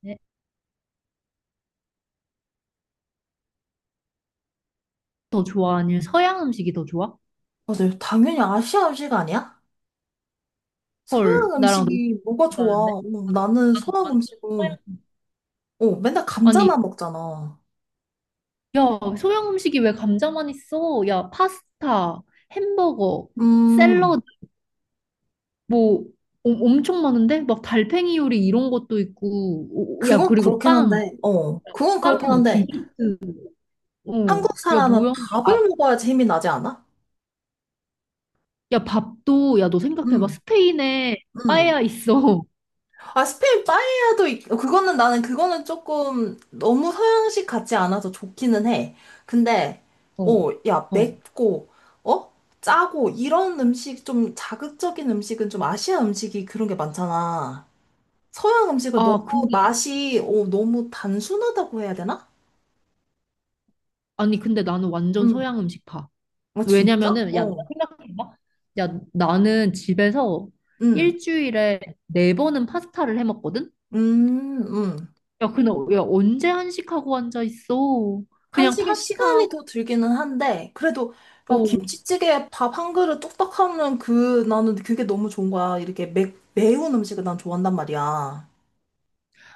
네. 더 좋아? 아니면 서양 음식이 더 좋아? 아, 네. 당연히 아시아 음식 아니야? 헐, 서양 나랑 너무 음식이 뭐가 좋아? 다른데? 난- 나는 나는 서양 완전 음식은, 서양. 맨날 아니, 감자만 먹잖아. 야, 서양 음식이 왜 감자만 있어? 야, 파스타, 햄버거, 음, 샐러드, 뭐, 엄청 많은데? 막 달팽이 요리 이런 것도 있고, 오, 야, 그건 그리고 그렇긴 빵, 한데, 빵, 디저트, 어, 한국 야, 사람은 뭐야? 아, 밥을 먹어야지 힘이 나지 않아? 야, 밥도, 야, 너 생각해봐. 음. 스페인에 음. 빠에야 있어. 아, 스페인 빠에야도 그거는 나는 그거는 조금 너무 서양식 같지 않아서 좋기는 해. 근데 어, 야, 어. 맵고 어? 짜고 이런 음식 좀 자극적인 음식은 좀 아시아 음식이 그런 게 많잖아. 서양 음식은 너무 아, 근데, 맛이 너무 단순하다고 해야 되나? 아니, 근데 나는 완전 음. 서양 음식 파. 아, 진짜? 왜냐면은 야, 너 어. 생각해봐. 야, 나는 집에서 음. 일주일에 네 번은 파스타를 해 먹거든? 음. 음. 야, 근데 야, 언제 한식하고 앉아 있어? 그냥 한식에 파스타 시간이 더 들기는 한데, 그래도 아, 먹고 김치찌개에 밥 한 그릇 뚝딱 하면 나는 그게 너무 좋은 거야. 이렇게 매운 음식을 난 좋아한단 말이야.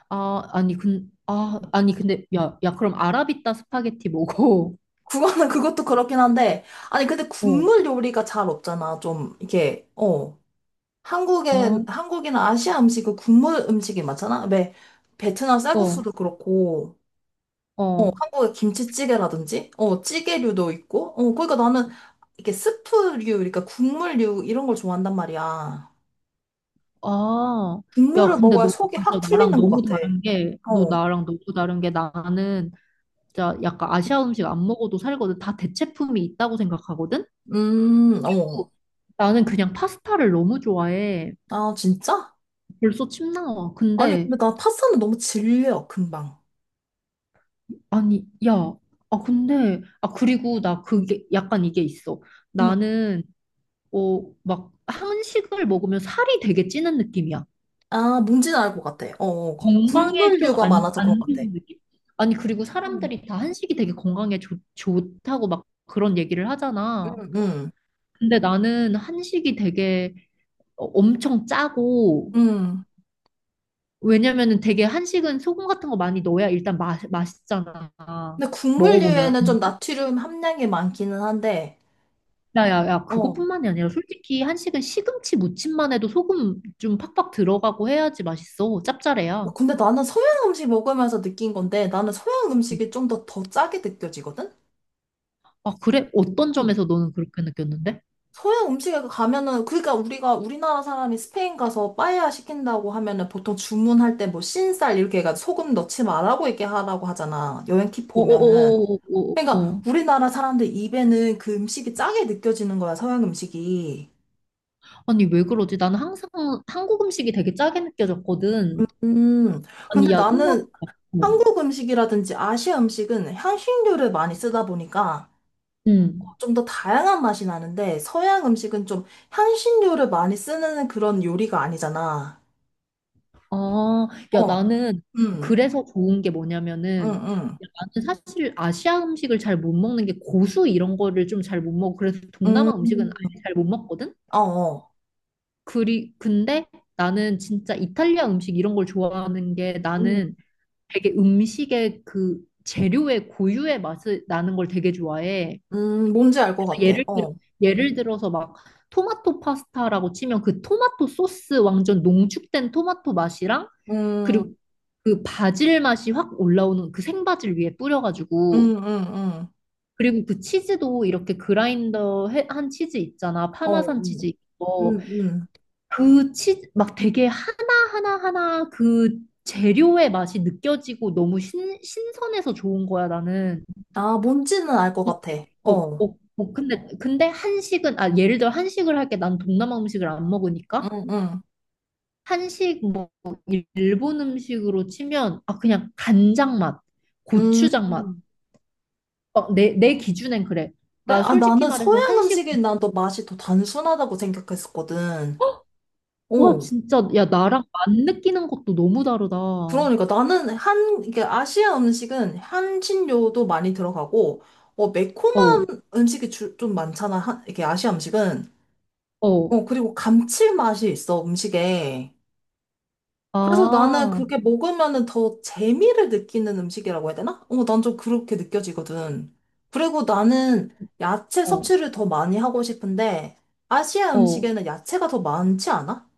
아, 아니 근 아, 아니 근데 야, 야 그럼 아라비타 스파게티 먹어. 그거는 그것도 그렇긴 한데, 아니, 근데 어. 국물 요리가 잘 없잖아. 좀, 이게. 어. 한국이나 아시아 음식은 국물 음식이 많잖아. 왜, 베트남 어. 쌀국수도 그렇고, 어. 한국의 김치찌개라든지, 찌개류도 있고, 그러니까 나는 이게 스프류, 그러니까 국물류 이런 걸 좋아한단 말이야. 아. 야, 국물을 근데 먹어야 너 속이 진짜 확 나랑 풀리는 것 너무 같아. 다른 게 너 어. 나랑 너무 다른 게 나는 진짜 약간 아시아 음식 안 먹어도 살거든. 다 대체품이 있다고 생각하거든. 어. 나는 그냥 파스타를 너무 좋아해. 아, 진짜? 벌써 침 나와. 아니, 근데, 근데 나 파스타는 너무 질려, 금방. 아니, 야, 아, 근데, 아, 그리고 나 그게, 약간 이게 있어. 응. 나는, 어, 막, 한식을 먹으면 살이 되게 찌는 느낌이야. 아, 뭔지는 알 것 같아. 어, 어. 건강에 좀 국물류가 많아서 그런 안 것 같아. 좋은 느낌? 아니, 그리고 응, 사람들이 다 한식이 되게 건강에 좋다고 막 그런 얘기를 하잖아. 응, 응. 근데 나는 한식이 되게 어, 엄청 짜고, 응. 왜냐면은 되게 한식은 소금 같은 거 많이 넣어야 일단 맛있잖아. 근데 먹어보면. 국물류에는 좀 나트륨 함량이 많기는 한데, 야, 야, 야, 어. 그것뿐만이 아니라 솔직히 한식은 시금치 무침만 해도 소금 좀 팍팍 들어가고 해야지 맛있어. 짭짤해야. 근데 나는 서양 음식 먹으면서 느낀 건데, 나는 서양 음식이 좀 더 짜게 느껴지거든? 아, 그래? 어떤 점에서 너는 그렇게 느꼈는데? 서양 음식에 가면은 그러니까 우리가 우리나라 사람이 스페인 가서 빠에야 시킨다고 하면은 보통 주문할 때 뭐 흰쌀 이렇게 해가지고 소금 넣지 말라고 이렇게 하라고 하잖아. 여행 팁 보면은. 어어어어어어. 그러니까 우리나라 사람들 입에는 그 음식이 짜게 느껴지는 거야, 서양 음식이. 아니, 왜 그러지? 나는 항상 한국 음식이 되게 짜게 느껴졌거든. 음. 아니, 근데 야, 생각, 나는 어. 한국 음식이라든지 아시아 음식은 향신료를 많이 쓰다 보니까 응. 좀 더 다양한 맛이 나는데 서양 음식은 좀 향신료를 많이 쓰는 그런 요리가 아니잖아. 아, 야, 어. 나는 음. 그래서 좋은 게 응, 뭐냐면은 응. 야, 나는 사실 아시아 음식을 잘 못 먹는 게 고수 이런 거를 좀 잘 못 먹고 그래서 음, 동남아 음식은 아예 잘 못 먹거든? 어, 어. 그리 근데 나는 진짜 이탈리아 음식 이런 걸 좋아하는 게 음, 나는 되게 음식의 그 재료의 고유의 맛이 나는 걸 되게 좋아해. 뭔지 알 것 그래서 같아. 어. 예를 들어서 막 토마토 파스타라고 치면 그 토마토 소스 완전 농축된 토마토 맛이랑 음, 그리고 그 바질 맛이 확 올라오는 그 생바질 위에 뿌려가지고 음, 음, 음. 그리고 그 치즈도 이렇게 한 치즈 있잖아. 어, 파마산 치즈 있고 음, 음. 그 치즈 막 되게 하나하나하나 그 재료의 맛이 느껴지고 너무 신선해서 좋은 거야, 나는. 아, 뭔지는 알 것 같아. 어, 어, 어, 어, 근데, 근데 한식은, 아, 예를 들어 한식을 할게 난 동남아 음식을 안 먹으니까 음, 음. 한식, 뭐, 일본 음식으로 치면, 아, 그냥 간장 맛, 음, 고추장 맛, 음. 어, 내 기준엔 그래. 그래? 나 아, 솔직히 나는 말해서 서양 한식, 음식이 난 더 맛이 더 단순하다고 생각했었거든. 와, 어. 진짜, 야, 나랑 맛 느끼는 것도 너무 다르다. 어, 그러니까 나는 이게 아시아 음식은 향신료도 많이 들어가고, 매콤한 음식이 좀 많잖아. 이게 아시아 음식은. 어, 그리고 감칠맛이 있어, 음식에. 그래서 나는 아, 그게 먹으면은 더 재미를 느끼는 음식이라고 해야 되나? 난 좀 그렇게 느껴지거든. 그리고 나는 야채 어, 섭취를 더 많이 하고 싶은데, 아시아 어. 음식에는 야채가 더 많지 않아?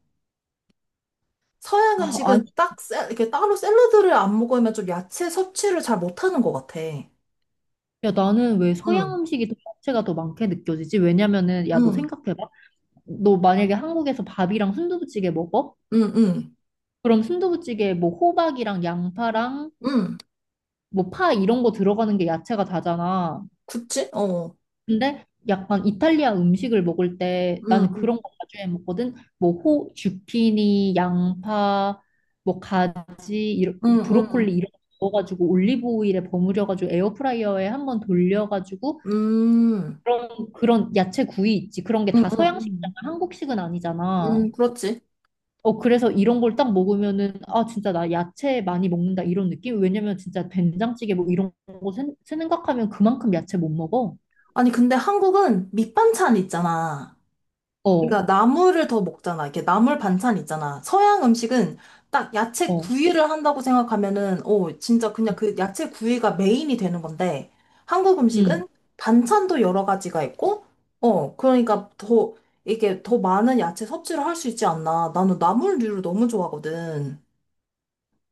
서양 아, 아, 음식은 딱, 이렇게 따로 샐러드를 안 먹으면 좀 야채 섭취를 잘 못하는 것 같아. 야, 나는 왜 서양 응, 음식이 더 자체가 더 많게 느껴지지? 왜냐면은, 야, 너 응, 생각해봐. 너 만약에 한국에서 밥이랑 순두부찌개 먹어? 응, 응, 그럼 순두부찌개에 뭐 호박이랑 양파랑 응. 뭐 파 이런 거 들어가는 게 야채가 다잖아. 그치? 어. 근데 약간 이탈리아 음식을 먹을 때 응, 나는 그런 응, 거 나중해 먹거든. 뭐 호, 주피니 양파, 뭐 가지, 이런, 응, 응, 브로콜리 이런 거 넣어가지고 올리브 오일에 버무려가지고 에어프라이어에 한번 돌려가지고 응, 응, 그런 그런 야채 구이 있지. 그런 게 응, 다 응, 서양식이잖아. 응, 한국식은 아니잖아. 응, 그렇지. 어 그래서 이런 걸 딱 먹으면은 아 진짜 나 야채 많이 먹는다 이런 느낌? 왜냐면 진짜 된장찌개 뭐 이런 거 생각하면 그만큼 야채 못 먹어. 아니, 근데 한국은 밑반찬 있잖아. 어, 그러니까 나물을 더 먹잖아. 이렇게 나물 반찬 있잖아. 서양 음식은 딱 야채 어, 구이를 한다고 생각하면은, 진짜 그냥 그 야채 구이가 메인이 되는 건데, 한국 응. 음식은 반찬도 여러 가지가 있고, 그러니까 더, 이게 더 많은 야채 섭취를 할 수 있지 않나. 나는 나물류를 너무 좋아하거든.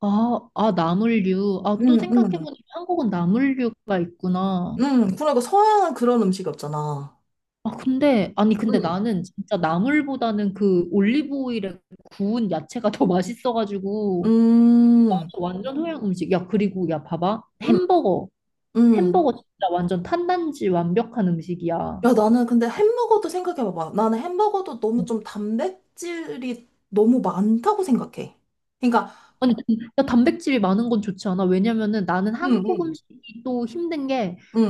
아, 아, 나물류. 아, 또 응, 응, 생각해보니까 한국은 나물류가 있구나. 응. 그러니까 서양은 그런 음식이 없잖아. 아, 근데, 아니, 근데 응. 나는 진짜 나물보다는 그 올리브 오일에 구운 야채가 더 맛있어가지고, 나 음, 완전 서양 음식. 야, 그리고, 야, 봐봐. 응, 햄버거. 응. 햄버거 진짜 완전 탄단지 완벽한 음식이야. 야, 나는 근데 햄버거도 생각해봐봐. 나는 햄버거도 너무 좀 단백질이 너무 많다고 생각해. 그러니까, 아니, 야, 단백질이 많은 건 좋지 않아? 왜냐면은 나는 응, 한국 응. 음식이 또 힘든 게 응.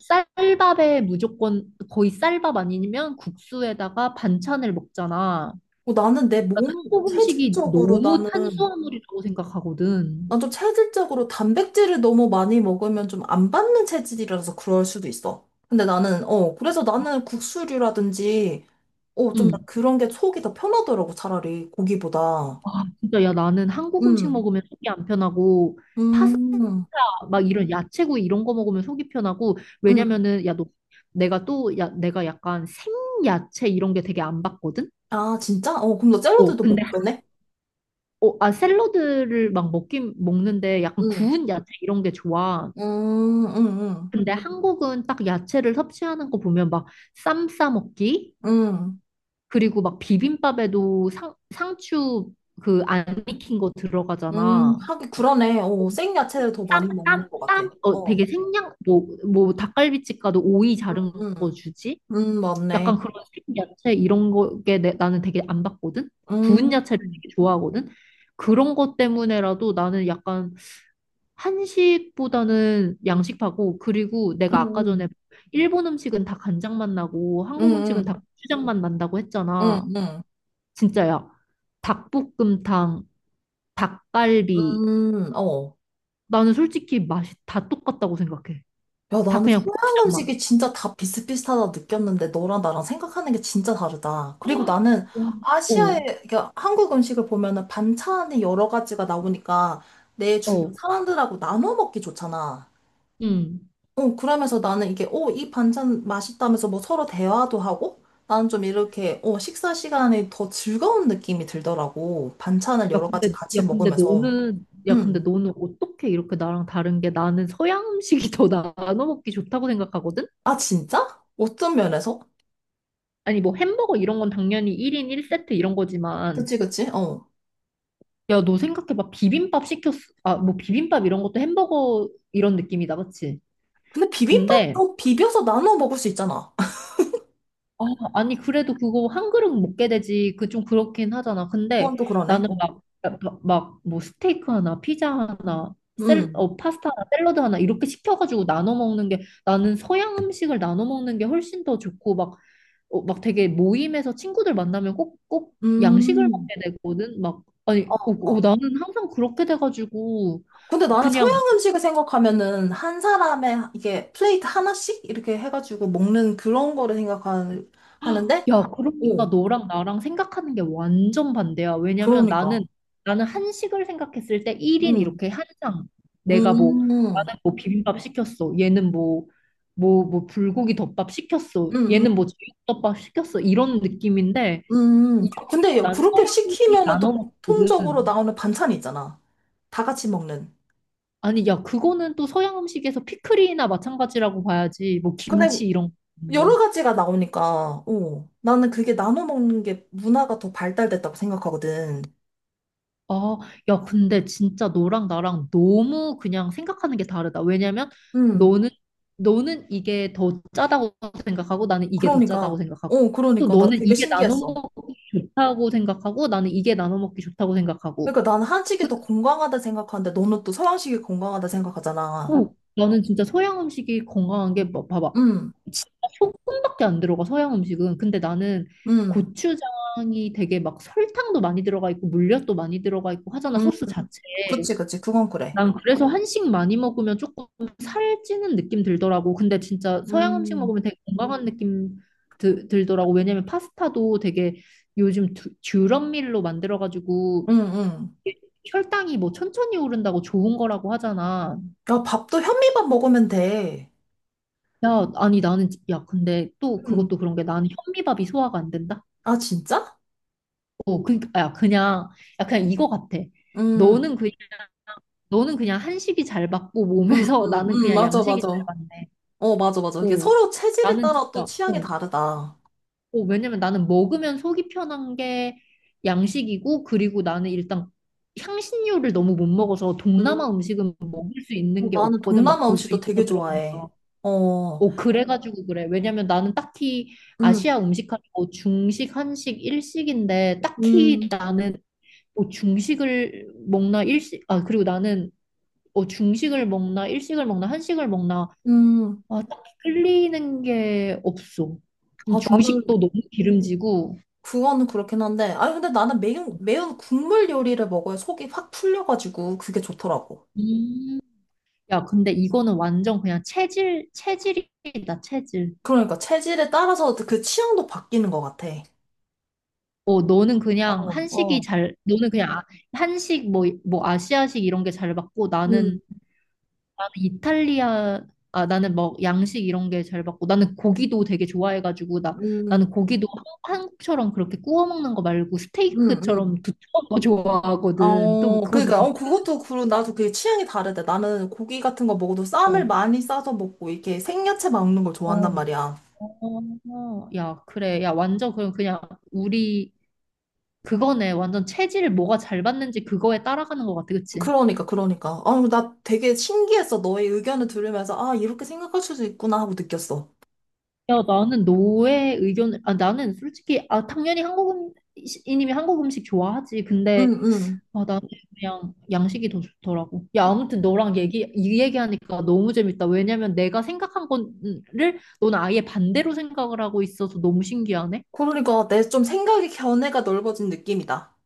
쌀밥에 무조건 거의 쌀밥 아니면 국수에다가 반찬을 먹잖아. 나는 내 나는 몸, 한국 음식이 체질적으로 너무 나는, 탄수화물이라고 생각하거든. 난 좀 체질적으로 단백질을 너무 많이 먹으면 좀 안 받는 체질이라서 그럴 수도 있어. 근데 나는, 그래서 나는 국수류라든지, 좀나 응. 그런 게 속이 더 편하더라고, 차라리, 고기보다. 아, 진짜 야 나는 한국 음식 응. 먹으면 속이 안 편하고 파스타 음, 막 이런 야채구이 이런 거 먹으면 속이 편하고 응. 왜냐면은 야 너 내가 또 야 내가 약간 생야채 이런 게 되게 안 받거든. 아, 진짜? 어, 그럼 너 어, 샐러드도 못 근데 먹겠네? 어, 아, 샐러드를 막 먹긴 먹는데 약간 구운 야채 이런 게 좋아. 음, 음, 근데 한국은 딱 야채를 섭취하는 거 보면 막 쌈 싸 먹기 음, 음, 그리고 막 비빔밥에도 상추 그 안 익힌 거 들어가잖아. 하긴 그러네. 생야채를 더 쌈, 많이 쌈, 먹는 것 같아. 쌈, 어, 어, 되게 생양, 뭐, 뭐, 닭갈비집 가도 오이 음, 자른 거 주지? 맞네. 약간 그런 생야채 이런 거에 나는 되게 안 받거든? 음, 구운 야채를 음, 되게 좋아하거든? 그런 것 때문에라도 나는 약간 한식보다는 양식파고, 그리고 내가 아까 전에 음, 일본 음식은 다 간장맛 나고, 음, 한국 음식은 다 음, 고추장맛 난다고 음, 했잖아. 음, 진짜야. 닭볶음탕, 닭갈비. 어. 나는 솔직히 맛이 다 똑같다고 생각해. 야, 다 나는 그냥 서양 고추장맛. 음식이 진짜 다 비슷비슷하다 느꼈는데, 너랑 나랑 생각하는 게 진짜 다르다. 그리고 나는 와. 아시아의, 어, 그러니까 한국 음식을 보면은 반찬이 여러 가지가 나오니까 내 주변 어, 사람들하고 나눠 먹기 좋잖아. 응. 그러면서 나는 이게, 이 반찬 맛있다면서 뭐 서로 대화도 하고, 나는 좀 이렇게, 식사 시간에 더 즐거운 느낌이 들더라고. 반찬을 야, 여러 가지 근데, 같이 야, 근데 먹으면서. 너는, 야, 근데 음. 너는 어떻게 이렇게 나랑 다른 게 나는 서양 음식이 더 나눠 먹기 좋다고 생각하거든? 아, 진짜? 어떤 면에서? 아니, 뭐 햄버거 이런 건 당연히 1인 1세트 이런 거지만 그치, 그치? 어. 야, 너 생각해봐. 비빔밥 시켰어. 아, 뭐 비빔밥 이런 것도 햄버거 이런 느낌이다, 그치? 근데 근데, 비빔밥도 비벼서 나눠 먹을 수 있잖아. 아, 아니, 그래도 그거 한 그릇 먹게 되지. 그 좀 그렇긴 하잖아. 근데 그건 또 그러네. 어. 나는 막, 막, 뭐 스테이크 하나, 피자 하나, 음. 파스타 하나, 샐러드 하나 이렇게 시켜가지고 나눠 먹는 게 나는 서양 음식을 나눠 먹는 게 훨씬 더 좋고 막, 어, 막 되게 모임에서 친구들 만나면 꼭, 꼭 양식을 음. 먹게 되거든. 막, 어, 아니, 어, 어. 어, 나는 항상 그렇게 돼가지고 근데 나는 서양 그냥 음식을 생각하면은 한 사람의 이게 플레이트 하나씩 이렇게 해가지고 먹는 그런 거를 생각하는데, 야, 그러니까 오. 너랑 나랑 생각하는 게 완전 반대야. 왜냐면 그러니까. 나는, 나는 한식을 생각했을 때 1인 응. 이렇게 한 상. 내가 뭐, 음, 음, 나는 뭐 비빔밥 시켰어. 얘는 뭐, 뭐, 뭐 불고기 덮밥 시켰어. 음, 얘는 뭐 제육덮밥 시켰어. 이런 느낌인데, 이거 근데 난 그렇게 서양 음식 시키면은 또 나눠 공통적으로 먹거든. 나오는 반찬이 있잖아. 다 같이 먹는. 아니, 야, 그거는 또 서양 음식에서 피클이나 마찬가지라고 봐야지. 뭐 근데 김치 이런 여러 건데. 가지가 나오니까, 나는 그게 나눠 먹는 게 문화가 더 발달됐다고 생각하거든. 아, 야, 근데 진짜 너랑 나랑 너무 그냥 생각하는 게 다르다. 왜냐면 음, 너는, 너는 이게 더 짜다고 생각하고 나는 이게 더 그러니까. 짜다고 생각하고 또 그러니까. 나 너는 되게 이게 나눠 신기했어. 먹기 좋다고 생각하고 나는 이게 나눠 먹기 좋다고 생각하고. 그러니까 나는 한식이 그, 더 건강하다 생각하는데 너는 또 서양식이 건강하다 생각하잖아. 어, 나는 진짜 서양 음식이 건강한 게 뭐, 봐봐. 음, 진짜 소금밖에 안 들어가, 서양 음식은. 근데 나는 음, 고추장이 되게 막 설탕도 많이 들어가 있고 물엿도 많이 들어가 있고 하잖아, 음. 소스 자체에. 그치, 그치. 그건 그래. 난 그래서 한식 많이 먹으면 조금 살찌는 느낌 들더라고. 근데 진짜 서양 음식 음, 먹으면 되게 건강한 느낌 들더라고. 왜냐면 파스타도 되게 요즘 듀럼밀로 만들어가지고 음, 음. 이게 혈당이 뭐 천천히 오른다고 좋은 거라고 하잖아. 야, 밥도 현미밥 먹으면 돼. 야, 아니 나는 야 근데 또 음, 그것도 그런 게 나는 현미밥이 소화가 안 된다. 아, 진짜? 어, 그니까 야 그냥 야 그냥 이거 같아. 음, 너는 그냥 너는 그냥 한식이 잘 받고 몸에서 나는 그냥 맞아, 양식이 맞아. 잘 받네. 어, 맞아, 맞아. 이게 오, 서로 체질에 나는 따라 또 진짜, 취향이 오, 다르다. 오, 왜냐면 나는 먹으면 속이 편한 게 양식이고, 그리고 나는 일단 향신료를 너무 못 먹어서 음, 동남아 음식은 먹을 수 있는 게 나는 없거든. 막 동남아 고수 음식도 이런 되게 거 좋아해. 들어보니까. 어, 오, 그래가지고 그래. 왜냐면 나는 딱히 음, 아시아 음식 하면 뭐 중식, 한식, 일식인데, 딱히 음, 나는 뭐 중식을 먹나, 일식, 아, 그리고 나는 어, 중식을 먹나, 일식을 먹나, 한식을 먹나, 음. 아, 딱히 끌리는 게 없어. 아, 중식도 나는 너무 기름지고. 그거는 그렇긴 한데. 아니, 근데 나는 매운 국물 요리를 먹어야 속이 확 풀려가지고 그게 좋더라고. 음. 야, 근데 이거는 완전 그냥 체질, 체질이다, 체질. 그러니까 체질에 따라서 그 취향도 바뀌는 것 같아. 어, 너는 어, 그냥 한식이 어, 잘, 너는 그냥 한식, 뭐, 뭐, 아시아식 이런 게 잘 맞고, 음, 나는, 나는 이탈리아, 아, 나는 뭐, 양식 이런 게 잘 맞고, 나는 고기도 되게 좋아해가지고, 나, 나는 음, 고기도 한국처럼 그렇게 구워 먹는 거 말고, 음, 스테이크처럼 음. 두툼한 거 좋아하거든. 또, 그것도 그러니까 진짜, 그것도 그런 나도 그게 취향이 다르대. 나는 고기 같은 거 먹어도 쌈을 어, 많이 싸서 먹고 이렇게 생야채 먹는 걸 좋아한단 어, 말이야. 어, 야, 그래. 야, 완전 그럼 그냥 우리 그거네. 완전 체질 뭐가 잘 받는지 그거에 따라가는 것 같아. 그치? 그러니까 그러니까. 아, 나 되게 신기했어. 너의 의견을 들으면서 아, 이렇게 생각할 수도 있구나 하고 느꼈어. 야, 나는 너의 의견을, 아, 나는 솔직히, 아, 당연히 한국 음식이님이 한국 음식 좋아하지. 응, 근데, 응. 아, 나는 그냥 양식이 더 좋더라고. 야, 아무튼 너랑 얘기, 이 얘기하니까 너무 재밌다. 왜냐면 내가 생각한 거를 너는 아예 반대로 생각을 하고 있어서 너무 신기하네. 그러니까 내 좀 생각의 견해가 넓어진 느낌이다.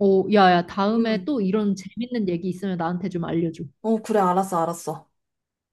어, 야, 야, 다음에 응. 또 이런 재밌는 얘기 있으면 나한테 좀 알려줘. 어, 그래 알았어 알았어.